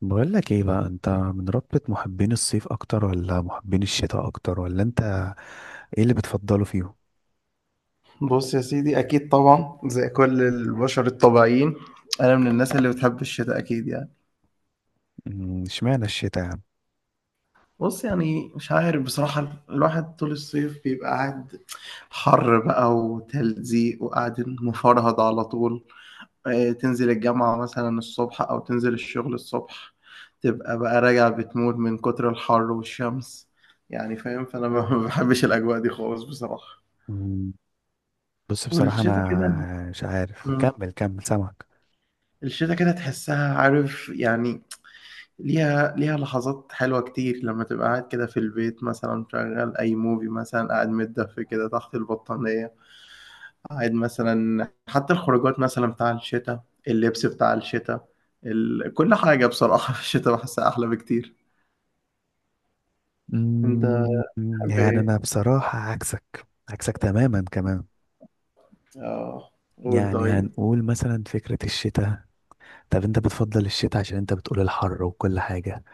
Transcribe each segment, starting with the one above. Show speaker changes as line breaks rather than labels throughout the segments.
بقول لك ايه بقى، انت من رتبة محبين الصيف اكتر ولا محبين الشتاء اكتر، ولا انت ايه اللي بتفضله فيهم؟
بص يا سيدي، اكيد طبعا زي كل البشر الطبيعيين. انا من الناس اللي بتحب الشتاء اكيد يعني.
اشمعنى الشتاء يعني؟
بص يعني مش عارف بصراحة، الواحد طول الصيف بيبقى قاعد حر بقى وتلزيق وقاعد مفرهد على طول. تنزل الجامعة مثلا الصبح او تنزل الشغل الصبح، تبقى بقى راجع بتموت من كتر الحر والشمس، يعني فاهم. فانا ما ما بحبش الاجواء دي خالص بصراحة.
أمم، بص، بصراحة
والشتاء كده
انا مش عارف، كمل سامعك.
الشتاء كده تحسها، عارف يعني؟ ليها لحظات حلوة كتير، لما تبقى قاعد كده في البيت مثلا مشغل أي موفي، مثلا قاعد متدفي كده تحت البطانية، قاعد مثلا. حتى الخروجات مثلا بتاع الشتاء، اللبس بتاع الشتاء، كل حاجة بصراحة في الشتاء بحسها أحلى بكتير. أنت
أمم،
تحب
يعني
إيه؟
انا بصراحة عكسك تماما كمان.
آه، قول
يعني
طيب.
هنقول مثلا فكرة الشتاء. طب انت بتفضل الشتاء عشان انت بتقول الحر وكل حاجة.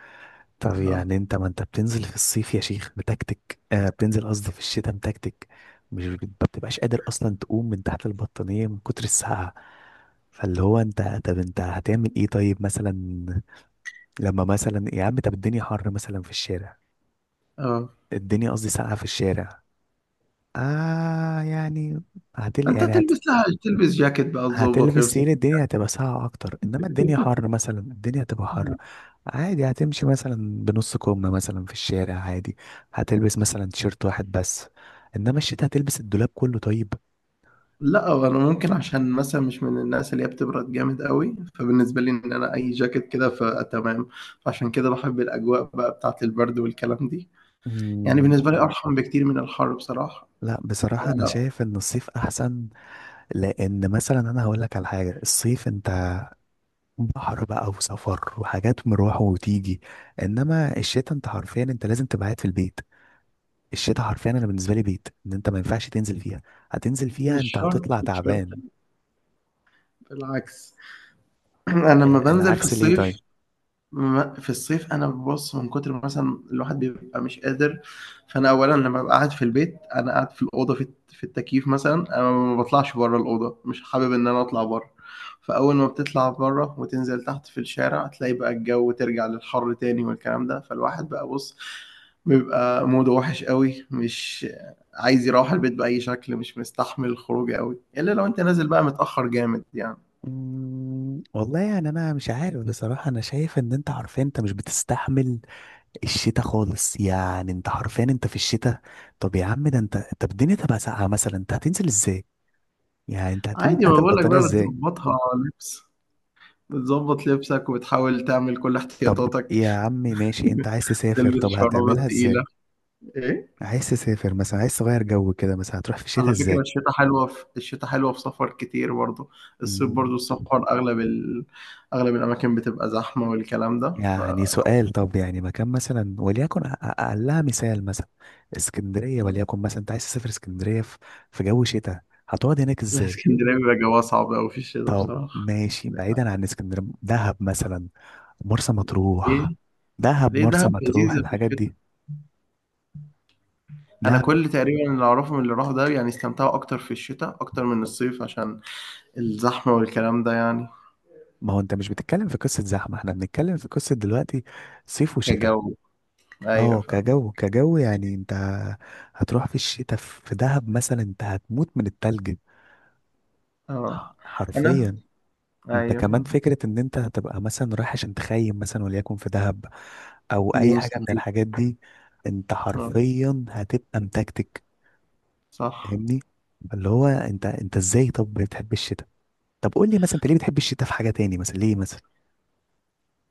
طب
آه.
يعني انت، ما انت بتنزل في الصيف يا شيخ متكتك، آه بتنزل قصدي في الشتاء متكتك. مش بت- ما بتبقاش قادر اصلا تقوم من تحت البطانية من كتر السقعة. فاللي هو انت، طب انت هتعمل ايه طيب مثلا؟ لما مثلا يا عم، طب الدنيا حر مثلا في الشارع،
آه،
الدنيا قصدي ساقعة في الشارع، آه يعني، هتل
أنت
يعني
تلبس جاكيت بقى، تظبط
هتلبس
لبسك.
تقيل. الدنيا هتبقى ساقعة أكتر، إنما الدنيا حر مثلا، الدنيا هتبقى حر عادي. هتمشي مثلا بنص كم مثلا في الشارع عادي، هتلبس مثلا تيشيرت واحد بس. إنما الشتا هتلبس الدولاب كله طيب.
لا، هو انا ممكن عشان مثلا مش من الناس اللي هي بتبرد جامد قوي، فبالنسبه لي ان انا اي جاكيت كده فتمام. فعشان كده بحب الاجواء بقى بتاعه البرد والكلام دي. يعني
مم،
بالنسبه لي ارحم بكتير من الحر بصراحه.
لا بصراحة أنا
لا،
شايف إن الصيف أحسن. لأن مثلا أنا هقولك على حاجة، الصيف أنت بحر بقى، وسفر وحاجات، مروح وتيجي. إنما الشتا، أنت حرفيا أنت لازم تبقى قاعد في البيت. الشتاء حرفيا، انا بالنسبه لي بيت ان انت ما ينفعش تنزل فيها. هتنزل فيها
مش
انت
شرط،
هتطلع
مش شرط.
تعبان.
بالعكس. انا لما
آه،
بنزل في
العكس ليه
الصيف،
طيب؟
في الصيف انا ببص من كتر ما مثلا الواحد بيبقى مش قادر. فانا اولا لما ببقى قاعد في البيت انا قاعد في الاوضه، في التكييف مثلا، انا ما بطلعش بره الاوضه، مش حابب ان انا اطلع بره. فاول ما بتطلع بره وتنزل تحت في الشارع، تلاقي بقى الجو ترجع للحر تاني والكلام ده. فالواحد بقى، بص، بيبقى موده وحش قوي، مش عايز يروح البيت باي شكل، مش مستحمل الخروج قوي الا لو انت نازل بقى متاخر جامد يعني.
والله يعني انا مش عارف بصراحه، انا شايف ان انت حرفيا انت مش بتستحمل الشتاء خالص، يعني انت حرفيا انت في الشتاء. طب يا عم ده، انت طب الدنيا تبقى ساقعه مثلا، انت هتنزل ازاي؟ يعني انت هتقوم من
عادي، ما
تحت
بقول لك
البطانيه
بقى،
ازاي؟
بتظبطها. لبس. بتظبط لبسك وبتحاول تعمل كل
طب
احتياطاتك.
يا عمي ماشي، انت عايز تسافر
تلبس
طب
شراب
هتعملها
تقيلة.
ازاي؟
ايه؟
عايز تسافر مثلا، عايز تغير جو كده مثلا، هتروح في الشتاء
على
ازاي؟
فكرة الشتاء حلوة، في الشتاء حلوة في سفر كتير برضو. الصيف
مم،
برضو السفر أغلب أغلب الأماكن بتبقى زحمة والكلام ده
يعني
فلو.
سؤال، طب يعني مكان مثلا وليكن اقلها مثال مثلا. اسكندريه وليكن مثلا، انت عايز تسافر اسكندريه في جو شتاء، هتقعد هناك ازاي؟
الإسكندرية بيبقى جواها صعب أوي في الشتاء
طب
بصراحة.
ماشي،
عندك حق.
بعيدا عن اسكندريه، دهب مثلا، مرسى مطروح،
ليه؟
دهب
ليه
مرسى
دهب
مطروح
لذيذة في
الحاجات
الشتاء؟
دي،
أنا
دهب.
كل تقريبا اللي أعرفه من اللي راحوا ده يعني استمتعوا أكتر في الشتاء أكتر من الصيف، عشان الزحمة والكلام ده يعني.
ما هو انت مش بتتكلم في قصه زحمه، احنا بنتكلم في قصه دلوقتي صيف وشتاء.
كجو.
اه
أيوة.
كجو، كجو يعني، انت هتروح في الشتاء في دهب مثلا، انت هتموت من التلج
اه. انا
حرفيا. انت
ايوه
كمان
فاهم.
فكرة ان انت هتبقى مثلا رايح عشان تخيم مثلا وليكن في دهب، او
دي
اي حاجة من
مستحيل.
الحاجات دي. انت
اه،
حرفيا هتبقى متكتك.
صح.
فاهمني؟ اللي هو انت ازاي طب بتحب الشتاء؟ طب قول لي مثلا، انت ليه بتحب الشتاء في حاجة تاني مثلا ليه مثلا؟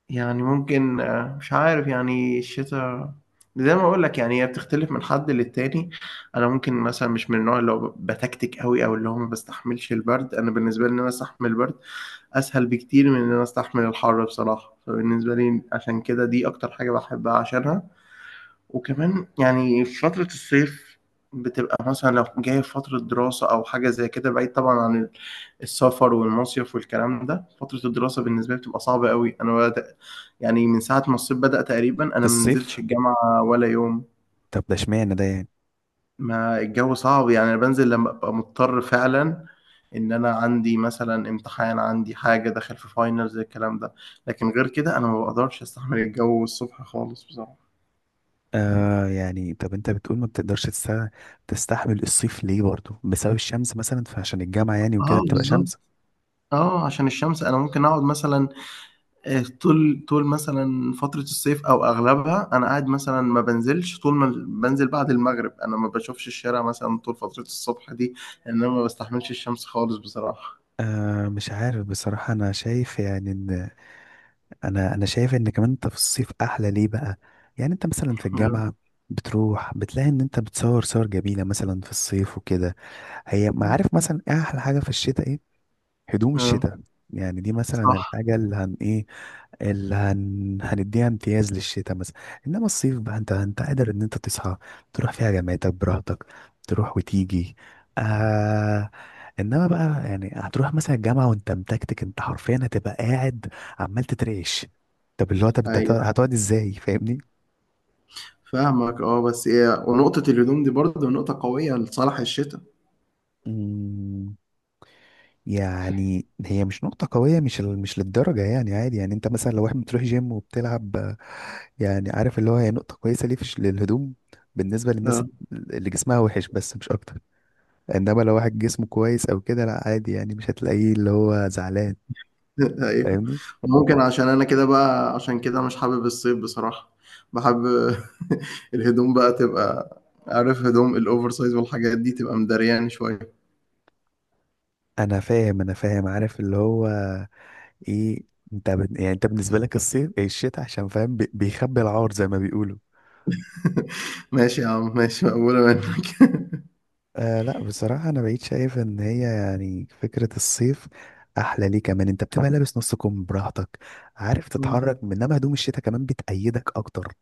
يعني ممكن، مش عارف يعني. الشتاء زي ما اقول لك يعني هي بتختلف من حد للتاني. انا ممكن مثلا مش من النوع اللي هو بتكتك قوي او اللي هو ما بستحملش البرد، انا بالنسبه لي ان انا استحمل البرد اسهل بكتير من ان انا استحمل الحر بصراحه. فبالنسبه لي عشان كده دي اكتر حاجه بحبها عشانها. وكمان يعني في فترة الصيف بتبقى مثلا لو جاية في فترة دراسة أو حاجة زي كده، بعيد طبعا عن السفر والمصيف والكلام ده. فترة الدراسة بالنسبة لي بتبقى صعبة قوي. أنا بدأ يعني من ساعة ما الصيف بدأ تقريبا
في
أنا ما نزلتش
الصيف؟
الجامعة ولا يوم،
طب ده اشمعنى ده يعني؟
ما الجو صعب يعني. أنا بنزل لما أبقى مضطر فعلا، إن أنا عندي مثلا امتحان، عندي حاجة داخل في فاينلز الكلام ده. لكن غير كده أنا ما بقدرش أستحمل الجو الصبح خالص بصراحة.
آه يعني، طب انت بتقول ما بتقدرش تستحمل الصيف ليه برضو؟ بسبب الشمس مثلا، فعشان الجامعة يعني وكده
اه،
بتبقى
بالظبط.
شمس.
اه، عشان الشمس. انا ممكن اقعد مثلا، طول مثلا فترة الصيف او اغلبها انا قاعد مثلا ما بنزلش، طول ما بنزل بعد المغرب انا ما بشوفش الشارع مثلا طول فترة الصبح دي، لان انا ما بستحملش الشمس خالص بصراحة.
آه مش عارف بصراحة، انا شايف يعني، انا شايف ان كمان انت في الصيف احلى ليه بقى. يعني انت مثلا في
اه.
الجامعه بتروح بتلاقي ان انت بتصور صور جميله مثلا في الصيف وكده. هي ما عارف مثلا إيه احلى حاجه في الشتاء؟ ايه؟ هدوم
آه،
الشتاء. يعني دي مثلا
صح.
الحاجه اللي هن ايه، هنديها امتياز للشتاء مثلا. انما الصيف بقى، انت قادر ان انت تصحى تروح فيها جامعتك براحتك، تروح وتيجي. آه... انما بقى يعني هتروح مثلا الجامعة وانت متكتك، انت حرفيا هتبقى قاعد عمال تترعش. طب اللي هو، طب انت
ايوه
هتقعد ازاي؟ فاهمني؟
فاهمك. اه، بس ايه، ونقطة الهدوم دي برضه نقطة قوية لصالح الشتاء.
مم، يعني هي مش نقطة قوية، مش للدرجة يعني، عادي يعني، انت مثلا لو واحد بتروح جيم وبتلعب يعني، عارف اللي هو هي نقطة كويسة ليه فيش للهدوم بالنسبة للناس اللي جسمها وحش بس، مش أكتر. إنما لو واحد جسمه كويس أو كده، لأ عادي يعني، مش هتلاقيه اللي هو زعلان.
ايوه
فاهمني؟
ممكن، عشان انا كده بقى، عشان كده مش حابب الصيف بصراحة. بحب الهدوم بقى، تبقى عارف، هدوم الاوفر سايز والحاجات دي تبقى مدريان شوية.
أنا فاهم، أنا فاهم، عارف اللي هو إيه؟ أنت يعني أنت بالنسبة لك الصيف الشتاء، عشان فاهم بيخبي العار زي ما بيقولوا.
ماشي يا عم، ماشي، مقبولة منك.
آه لأ، بصراحة أنا بقيت شايف إن هي يعني فكرة الصيف أحلى ليه كمان، أنت بتبقى لابس نص كم براحتك، عارف
مم.
تتحرك، إنما هدوم الشتاء كمان بتأيدك أكتر.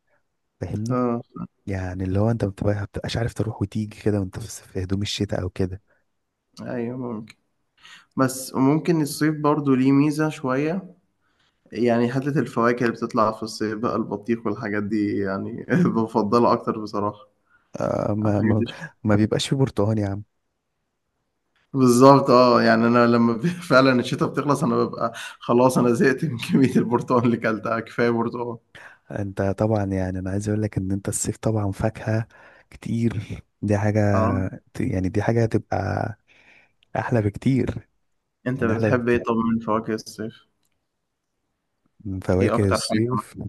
فاهمني؟
اه،
يعني اللي هو انت ما بتبقاش عارف تروح وتيجي كده، وانت في هدوم الشتاء او كده.
ايوه ممكن، بس وممكن الصيف برضو ليه ميزة شوية، يعني حتة الفواكه اللي بتطلع في الصيف بقى، البطيخ والحاجات دي يعني بفضلها اكتر بصراحة
آه،
عن الحاجات دي.
ما بيبقاش في برتقال يا عم.
بالظبط، اه، يعني انا لما فعلا الشتاء بتخلص انا ببقى خلاص، انا زهقت من كمية البرتقال اللي كلتها، كفاية برتقال.
انت طبعا يعني، انا عايز اقول لك ان انت الصيف طبعا فاكهة كتير، دي حاجة،
اه،
يعني دي حاجة هتبقى احلى بكتير.
انت
يعني احلى
بتحب ايه
بكتير
طب من فواكه الصيف؟
من
ايه
فواكه
اكتر حاجة
الصيف.
مثلا؟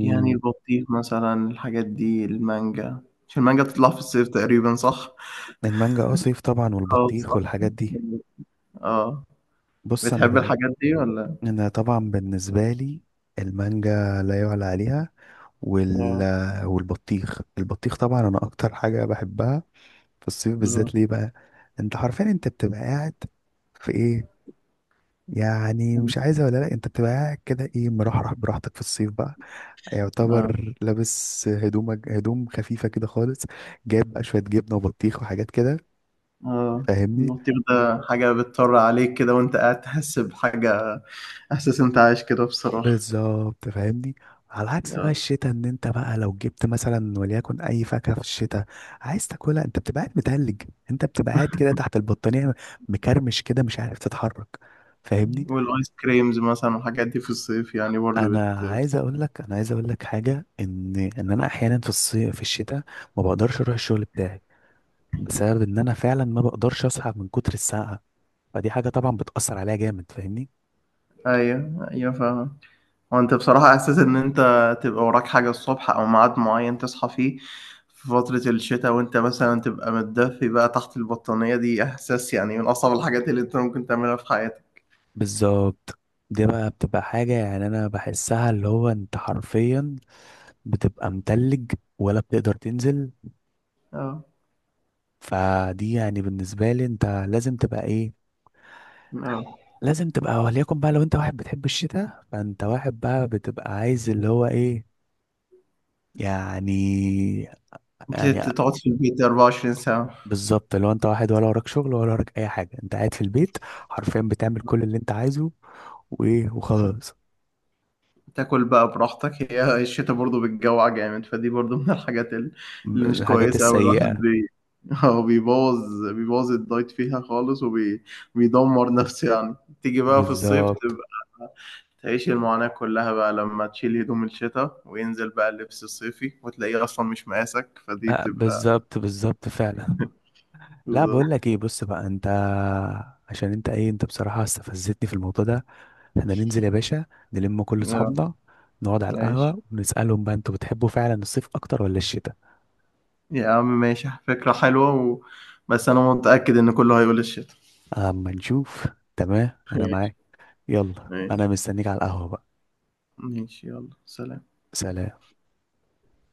يعني البطيخ مثلا، الحاجات دي، المانجا، مش المانجا بتطلع في الصيف تقريبا، صح؟
المانجا اه صيف طبعا،
اه،
والبطيخ
صح.
والحاجات دي.
اه،
بص انا
بتحب
بن...
الحاجات دي ولا؟
انا طبعا بالنسبة لي المانجا لا يعلى عليها. وال...
اه.
والبطيخ طبعا انا اكتر حاجه بحبها في الصيف
لا.
بالذات ليه بقى؟ انت حرفيا انت بتبقى قاعد في ايه؟ يعني مش عايزه ولا لا، انت بتبقى قاعد كده ايه، مرحرح براحتك في الصيف بقى،
لا.
يعتبر لابس هدومك هدوم خفيفه كده خالص، جايب بقى شويه جبنه وبطيخ وحاجات كده.
اه،
فاهمني؟
البطيخ ده حاجة بتطر عليك كده وانت قاعد، تحس بحاجة، احساس انت عايش كده بصراحة.
بالظبط فاهمني. على عكس بقى الشتاء، ان انت بقى لو جبت مثلا وليكن اي فاكهه في الشتاء عايز تاكلها، انت بتبقى قاعد متهلج، انت بتبقى قاعد كده تحت البطانيه، مكرمش كده مش عارف تتحرك. فاهمني؟
والايس كريمز مثلا والحاجات دي في الصيف يعني برضو
انا
بت...
عايز اقول لك، انا عايز اقول لك حاجه، ان انا احيانا في الصيف، في الشتاء، ما بقدرش اروح الشغل بتاعي بسبب ان انا فعلا ما بقدرش اصحى من كتر السقعه. فدي حاجه طبعا بتاثر عليا جامد، فاهمني؟
ايوه، ايوه فاهم. هو انت بصراحة احساس ان انت تبقى وراك حاجة الصبح او ميعاد معين تصحى فيه في فترة الشتاء وانت مثلا تبقى متدفي بقى تحت البطانية، دي احساس يعني من اصعب الحاجات اللي انت ممكن تعملها في حياتك.
بالظبط، دي بقى بتبقى حاجة يعني أنا بحسها اللي هو أنت حرفيا بتبقى متلج، ولا بتقدر تنزل.
اه.
فدي يعني بالنسبة لي انت لازم تبقى ايه،
اه،
لازم تبقى، وليكن بقى لو انت واحد بتحب الشتاء فانت واحد بقى بتبقى عايز اللي هو ايه يعني
انت
يعني
تقعد في البيت 24 ساعة،
بالظبط لو انت واحد ولا وراك شغل ولا وراك اي حاجة، انت قاعد في البيت حرفيا بتعمل كل اللي انت عايزه، وايه وخلاص.
تاكل بقى براحتك. هي الشتا برضو بتجوع جامد، فدي برضو من الحاجات اللي مش
الحاجات
كويسة أوي. الواحد
السيئة.
هو بيبوظ الدايت فيها خالص وبيدمر نفسه يعني. تيجي بقى في الصيف
بالظبط.
تبقى تعيش المعاناة كلها بقى، لما تشيل هدوم الشتاء وينزل بقى اللبس الصيفي وتلاقيه أصلا مش مقاسك، فدي
آه،
بتبقى...
بالظبط بالظبط فعلا. لا
بالظبط.
بقول لك ايه، بص بقى انت، عشان انت ايه، انت بصراحة استفزتني في الموضوع ده. احنا ننزل يا باشا، نلم كل
آه،
اصحابنا، نقعد على
ماشي
القهوة ونسألهم بقى: انتوا بتحبوا فعلا الصيف اكتر ولا الشتاء؟
يا عم، ماشي فكرة حلوة، و... بس أنا متأكد إن كله هيقول الشتاء.
اما نشوف. تمام انا
ماشي.
معاك. يلا
ماشي
انا مستنيك على القهوة بقى.
ماشي يلا سلام.
سلام.